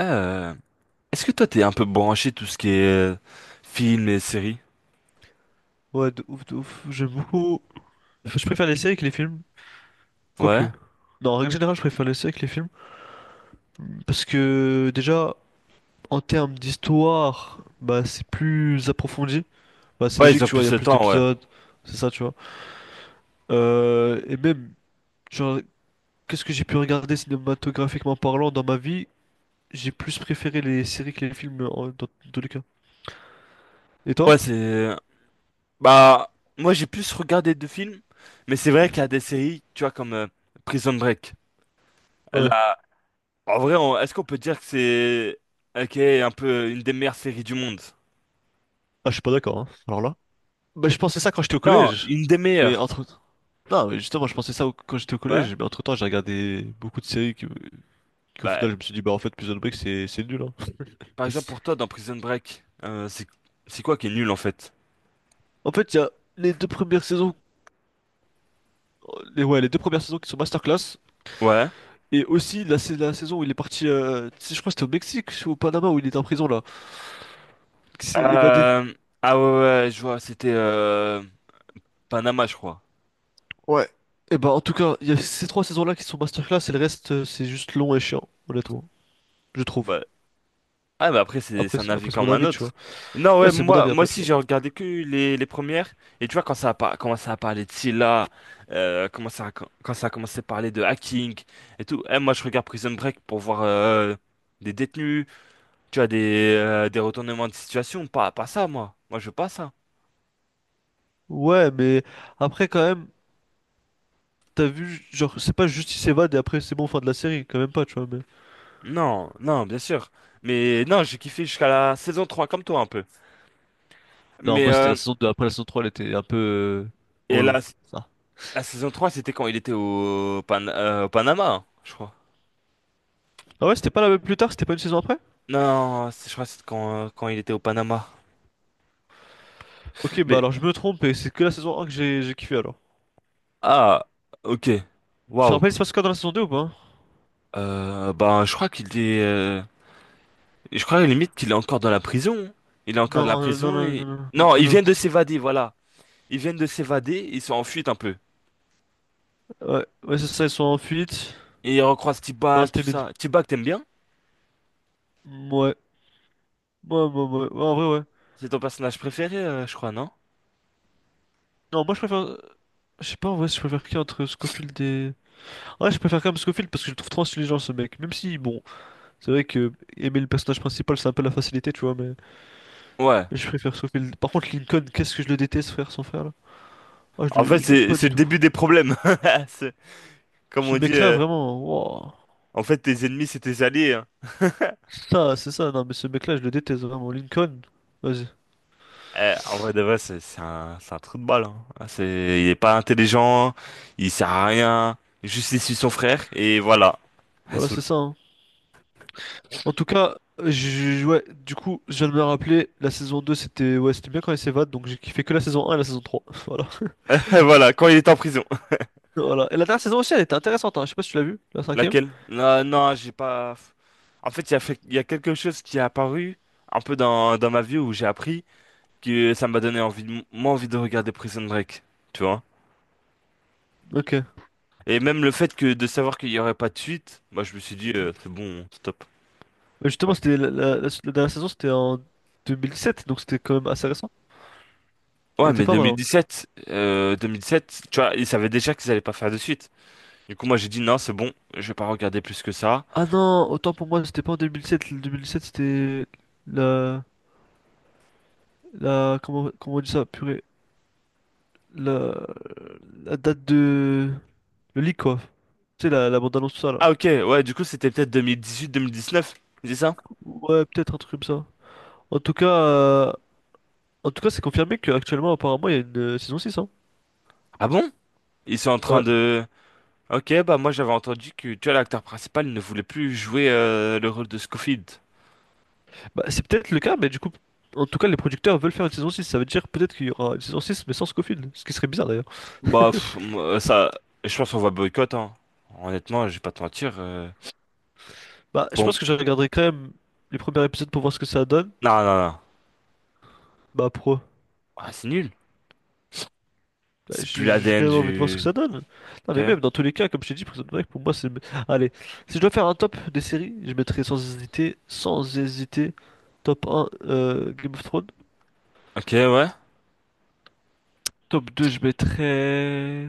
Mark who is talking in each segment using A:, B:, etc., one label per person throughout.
A: Euh, Est-ce que toi t'es un peu branché tout ce qui est film et séries?
B: Ouais, de ouf, de ouf. J'aime beaucoup. Je préfère les séries que les films, quoique.
A: Ouais.
B: Non, en règle générale, je préfère les séries que les films. Parce que, déjà, en termes d'histoire, bah, c'est plus approfondi. Bah, c'est
A: Ouais,
B: logique,
A: ils ont
B: tu vois, il y
A: plus
B: a
A: le
B: plus
A: temps, ouais.
B: d'épisodes. C'est ça, tu vois. Et même, genre, qu'est-ce que j'ai pu regarder cinématographiquement parlant dans ma vie? J'ai plus préféré les séries que les films, dans tous les cas. Et toi?
A: Ouais, c'est... Bah, Moi j'ai plus regardé de films, mais c'est vrai qu'il y a des séries, tu vois, comme Prison Break. Elle
B: Ouais.
A: a- En vrai, est-ce qu'on peut dire que c'est... Ok, un peu une des meilleures séries du monde?
B: Ah, je suis pas d'accord, hein. Alors là. Bah, je pensais ça quand j'étais au
A: Non,
B: collège.
A: une des
B: Mais
A: meilleures.
B: entre, Non, mais justement, je pensais ça quand j'étais au
A: Ouais.
B: collège, mais entre-temps, j'ai regardé beaucoup de séries qui qu'au
A: Bah,
B: final, je me suis dit, bah en fait, Prison Break, c'est nul, hein.
A: par exemple pour toi dans Prison Break, c'est quoi qui est nul en fait?
B: En fait, il y a les deux premières saisons, ouais, les deux premières saisons qui sont masterclass,
A: Ouais.
B: et aussi la saison où il est parti, tu sais, je crois que c'était au Mexique ou au Panama où il était en prison, là, qui s'est évadé.
A: Euh... Ah ouais, ouais, je vois, c'était Panama, je crois.
B: Ouais. Et bah, en tout cas, il y a ces trois saisons-là qui sont masterclass, et le reste, c'est juste long et chiant, honnêtement, je trouve.
A: Bah, bah après, c'est c'est un avis
B: Après c'est mon
A: comme un
B: avis, tu
A: autre.
B: vois.
A: Non,
B: Ouais,
A: ouais,
B: c'est mon
A: moi,
B: avis
A: moi
B: après, tu
A: aussi,
B: vois.
A: j'ai regardé que les premières. Et tu vois, quand commencé à parler de Scylla, quand ça a commencé à parler de hacking et tout, eh, moi, je regarde Prison Break pour voir des détenus, tu vois, des retournements de situation. Pas ça, moi. Moi, je veux pas ça.
B: Ouais, mais après, quand même. T'as vu, genre, c'est pas juste il s'évade et après c'est bon, fin de la série, quand même pas, tu vois. Mais...
A: Non, non, bien sûr. Mais non, j'ai kiffé jusqu'à la saison 3 comme toi, un peu.
B: Non,
A: Mais,
B: moi c'était la
A: euh,
B: saison deux. Après, la saison trois, elle était un peu
A: et
B: relou.
A: la,
B: Ça.
A: la saison 3 c'était quand il était au, au Panama, hein, je crois.
B: Ah ouais, c'était pas la même plus tard, c'était pas une saison après?
A: Non, c'est- Je crois que c'est quand, quand il était au Panama.
B: Ok, bah
A: Mais,
B: alors je me trompe et c'est que la saison un que j'ai kiffé alors.
A: ah, ok.
B: Je te
A: Waouh.
B: rappelle, il se passe quoi dans la saison deux ou pas?
A: Je crois qu'il est. Je crois limite qu'il est encore dans la prison. Il est encore
B: Non,
A: dans la
B: non, non,
A: prison et.
B: non, non, non,
A: Non,
B: non.
A: ils
B: non.
A: viennent de s'évader, voilà. Ils viennent de s'évader, ils sont en fuite un peu.
B: Ouais, ouais, c'est ça, ils sont en fuite.
A: Et ils recroisent
B: Non,
A: T-Bag, tout
B: c'était mid.
A: ça. T-Bag, t'aimes bien?
B: Ouais. Ouais, en vrai, ouais.
A: C'est ton personnage préféré, je crois, non?
B: Non, moi je préfère. Je sais pas en vrai si je préfère qui entre Scofield et. Ouais, je préfère quand même Scofield parce que je le trouve trop intelligent ce mec. Même si, bon, c'est vrai que aimer le personnage principal, c'est un peu la facilité, tu vois, mais
A: Ouais.
B: je préfère sauver. Par contre, Lincoln, qu'est-ce que je le déteste, frère, son frère, là. Ah,
A: En fait,
B: je l'aime
A: c'est
B: pas
A: c'est
B: du
A: le
B: tout.
A: début des problèmes. C'est- Comme
B: Ce
A: on dit,
B: mec-là, vraiment, wow.
A: en fait, tes ennemis, c'est tes alliés. Hein.
B: Non, mais ce mec-là, je le déteste, vraiment. Lincoln, vas-y.
A: Eh, en vrai de vrai, c'est un trou de balle. Hein. Ah, C'est, il est pas intelligent, il sert à rien. Juste il suit son frère et voilà.
B: Voilà, c'est
A: Hassoul.
B: ça, hein. En tout cas, ouais, du coup, je viens de me rappeler, la saison 2, c'était ouais, c'était bien quand il s'évade, donc j'ai kiffé que la saison un et la saison 3. Voilà.
A: Voilà, quand il est en prison.
B: Voilà. Et la dernière saison aussi, elle était intéressante, hein. Je sais pas si tu l'as vue, la cinquième.
A: Laquelle? Non, non, j'ai pas. En fait, il y a quelque chose qui est apparu un peu dans ma vie où j'ai appris que ça m'a donné envie de, moins envie de regarder Prison Break, tu vois.
B: Ok. Ouais,
A: Et même le fait que de savoir qu'il y aurait pas de suite, moi je me suis dit c'est bon, stop.
B: justement, c'était la dernière saison, c'était en 2017, donc c'était quand même assez récent. Il
A: Ouais,
B: était
A: mais
B: pas mal, hein.
A: 2017, 2017, tu vois, ils savaient déjà qu'ils allaient pas faire de suite. Du coup, moi, j'ai dit non, c'est bon, je vais pas regarder plus que ça.
B: Ah non, autant pour moi, c'était pas en 2007. Le 2007, c'était la, comment, comment on dit ça, purée, la, la date de, le leak quoi. Tu sais, la bande-annonce, tout ça là.
A: Ah, ok, ouais, du coup, c'était peut-être 2018-2019, c'est ça?
B: Ouais, peut-être un truc comme ça. En tout cas, euh, en tout cas, c'est confirmé qu'actuellement, apparemment, il y a une saison six, hein.
A: Ah bon? Ils sont en train
B: Ouais.
A: de... Ok, bah moi, j'avais entendu que, tu vois, l'acteur principal ne voulait plus jouer le rôle de Scofield.
B: Bah, c'est peut-être le cas, mais du coup, en tout cas, les producteurs veulent faire une saison six. Ça veut dire peut-être qu'il y aura une saison 6 mais sans Scofield, ce qui serait bizarre d'ailleurs.
A: Moi, ça, je pense qu'on va boycott, hein. Honnêtement, je vais pas te mentir.
B: Bah, je
A: Bon,
B: pense que je regarderai quand même les premiers épisodes pour voir ce que ça donne.
A: non, non, non.
B: Bah, pro.
A: Ah, c'est nul.
B: Bah,
A: C'est plus
B: j'ai
A: la
B: j'ai quand
A: l'ADN
B: même envie de voir ce que ça
A: du...
B: donne. Non,
A: Ok,
B: mais même dans tous les cas, comme je t'ai dit, Prison Break, pour moi, c'est. Allez, si je dois faire un top des séries, je mettrais sans hésiter, sans hésiter, top un Game of Thrones.
A: ok, ouais.
B: Top 2 je mettrais.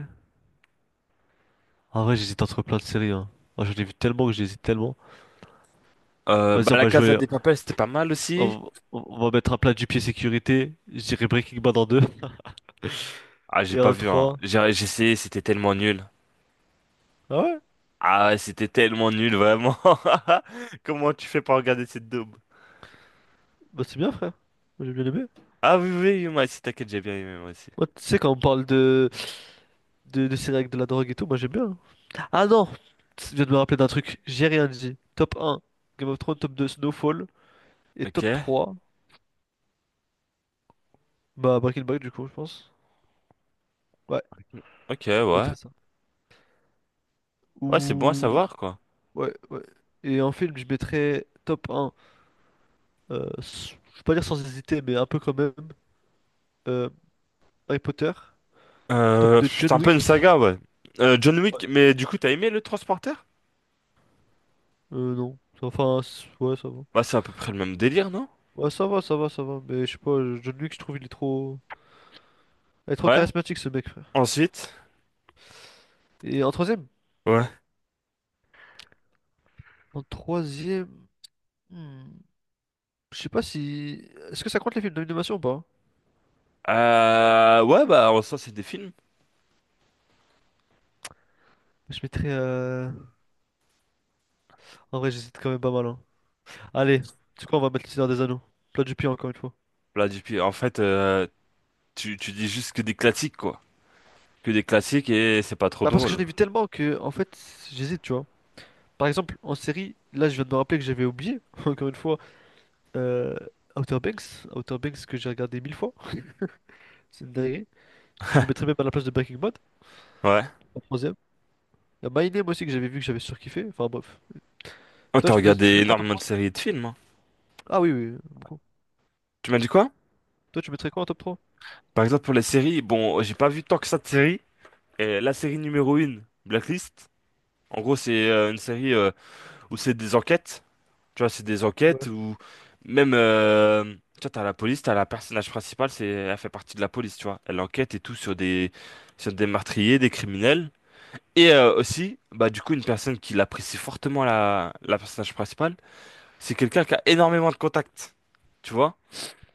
B: En vrai, j'hésite entre plein de séries, hein. Moi, j'en ai vu tellement que j'hésite tellement. Vas-y, on
A: La
B: va
A: Casa
B: jouer.
A: des Papel, c'était pas mal aussi.
B: On va mettre un plat du pied sécurité. Je dirais Breaking Bad en 2
A: Ah, j'ai
B: et
A: pas
B: en
A: vu, hein.
B: trois.
A: J'ai essayé, c'était tellement nul.
B: Ah ouais?
A: Ah, ouais, c'était tellement nul, vraiment. Comment tu fais pour regarder cette daube?
B: Bah, c'est bien, frère. Moi, j'ai bien aimé.
A: Ah oui, oui, oui, moi aussi, t'inquiète, j'ai bien aimé, moi aussi.
B: Moi, tu sais, quand on parle de séries avec de la drogue et tout, moi, j'aime bien, hein. Ah non! Tu viens de me rappeler d'un truc, j'ai rien dit. Top un, Game of Thrones, top 2, Snowfall. Et
A: Ok.
B: top 3, bah Breaking Bad du coup, je pense. Ouais,
A: Ok,
B: je mettrais
A: ouais.
B: ça.
A: Ouais, c'est bon à
B: Ou...
A: savoir, quoi.
B: Ouais, ouais. Et en film, je mettrais top un, je vais pas dire sans hésiter, mais un peu quand même, euh, Harry Potter. Top 2,
A: C'est
B: John
A: un peu une
B: Wick.
A: saga, ouais. John
B: Ouais.
A: Wick, mais du coup, t'as aimé le Transporteur?
B: Non. Ouais, ça va.
A: Bah, c'est à peu près le même délire, non?
B: Ouais, ça va. Mais je sais pas, John Wick, je trouve il est trop... Il est trop
A: Ouais.
B: charismatique ce mec, frère.
A: Ensuite?
B: Et en troisième?
A: Ouais.
B: En troisième... Hmm. Je sais pas si. Est-ce que ça compte les films d'animation ou pas?
A: Ouais, bah, en soi, c'est des films.
B: Je mettrais. En vrai, j'hésite quand même pas mal, hein. Allez, tu crois, on va mettre Le Seigneur des Anneaux. Plat du pied, encore une fois.
A: Là, depuis, en fait, tu dis juste que des classiques, quoi. Que des classiques et c'est pas trop
B: Bah, parce que j'en
A: drôle.
B: ai vu tellement que, en fait, j'hésite, tu vois. Par exemple, en série, là, je viens de me rappeler que j'avais oublié, encore une fois, euh, Outer Banks. Outer Banks que j'ai regardé mille fois. C'est une dinguerie. Que je le mettrais même à la place de Breaking Bad,
A: Ouais.
B: en troisième. Il y a My Name aussi que j'avais vu que j'avais surkiffé. Enfin, bref.
A: Oh, t'as regardé
B: Tu ferais quoi en top
A: énormément de
B: trois?
A: séries et de films. Hein.
B: Ah oui, oui, oui, beaucoup.
A: Tu m'as dit quoi?
B: Toi, tu mettrais quoi en top trois?
A: Par exemple, pour les séries, bon, j'ai pas vu tant que ça de séries. Et la série numéro 1 Blacklist, en gros, c'est une série où c'est des enquêtes. Tu vois, c'est des enquêtes
B: Ouais,
A: où même. Tu vois, t'as la police, t'as la personnage principale, c'est, elle fait partie de la police, tu vois. Elle enquête et tout sur des meurtriers, des criminels. Et aussi, bah, du coup, une personne qui l'apprécie fortement, la personnage principale. C'est quelqu'un qui a énormément de contacts, tu vois,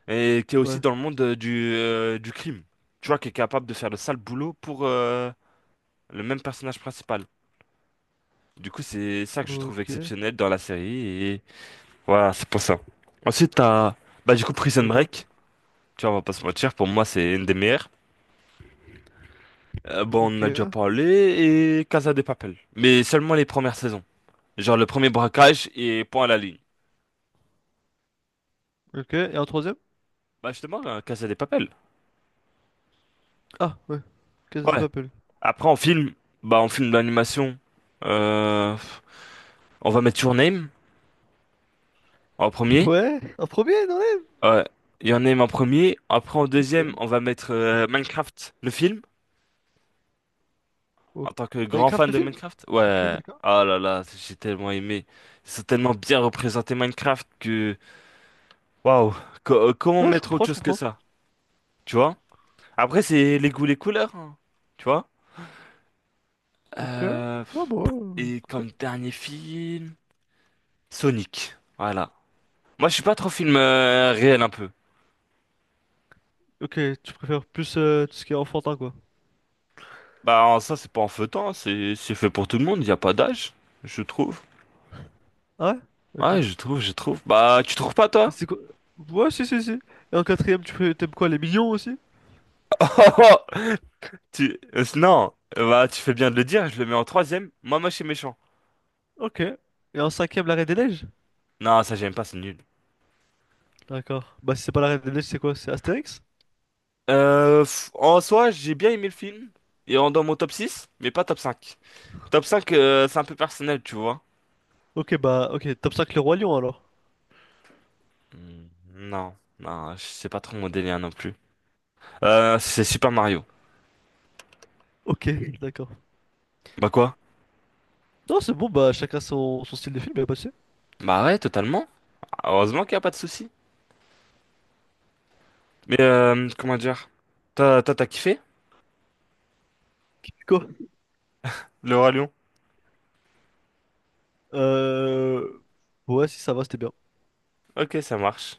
A: et qui est aussi
B: ouais.
A: dans le monde du crime, tu vois, qui est capable de faire le sale boulot pour le même personnage principal. Du coup, c'est ça que je trouve
B: Ok,
A: exceptionnel dans la série, et voilà, c'est pour ça. Ensuite, t'as, bah, du coup, Prison
B: d'accord.
A: Break, tu vois, on va pas se mentir, pour moi, c'est une des meilleures. Bon, on en
B: Ok,
A: a déjà parlé, et Casa de Papel, mais seulement les premières saisons. Genre le premier braquage et point à la ligne.
B: ok. Et en troisième?
A: Bah, justement, Casa de Papel.
B: Ah, ouais. Casa de
A: Ouais.
B: Papel.
A: Après, en film, bah, en film d'animation, euh, on va mettre Your Name en premier.
B: Ouais, en premier, dans les...
A: Ouais, Your Name en premier. Après, en deuxième,
B: Ok.
A: on va mettre Minecraft, le film, en
B: Ok.
A: tant que grand
B: Minecraft,
A: fan
B: le
A: de
B: film?
A: Minecraft.
B: Ok,
A: Ouais.
B: d'accord.
A: Ah là là, j'ai tellement aimé. Ils ont tellement bien représenté Minecraft que... Waouh. Comment
B: Non, je
A: mettre
B: comprends,
A: autre
B: je
A: chose que
B: comprends.
A: ça? Tu vois? Après, c'est les goûts, les couleurs. Hein, Tu vois?
B: Ok.
A: Euh,
B: Ah, bon, ouais,
A: et
B: ok,
A: comme dernier film, Sonic. Voilà. Moi, je suis pas trop film réel un peu.
B: ok, tu préfères plus tout ce qui est enfantin, quoi.
A: Bah ça c'est pas en feuilletant, hein. C'est fait pour tout le monde, il y a pas d'âge, je trouve.
B: Ah ouais?
A: Ouais,
B: Ok.
A: je trouve, je trouve. Bah tu trouves pas
B: Et
A: toi?
B: c'est quoi? Ouais, si, si, si. Et en quatrième, t'aimes quoi? Les millions aussi?
A: Tu non, bah tu fais bien de le dire, je le mets en troisième. Moi moche et méchant.
B: Ok. Et en cinquième, la Reine des Neiges?
A: Non, ça j'aime pas, c'est nul.
B: D'accord. Bah, si c'est pas la Reine des Neiges, c'est quoi? C'est Astérix?
A: En soi, j'ai bien aimé le film et en dans mon top 6 mais pas top 5. Top 5 c'est un peu personnel, tu vois.
B: Ok, bah, ok. Top 5, le Roi Lion, alors.
A: Hmm, non, non, c'est pas trop mon délire non plus. C'est Super Mario.
B: Ok, d'accord.
A: Bah quoi?
B: Non, c'est bon, bah, chacun son, son style de film, y'a pas de souci.
A: Bah ouais, totalement. Heureusement qu'il y a pas de souci. Mais comment dire? T'as kiffé
B: Quoi?
A: le Roi Lion?
B: Euh... Ouais, si ça va, c'était bien.
A: Ok, ça marche.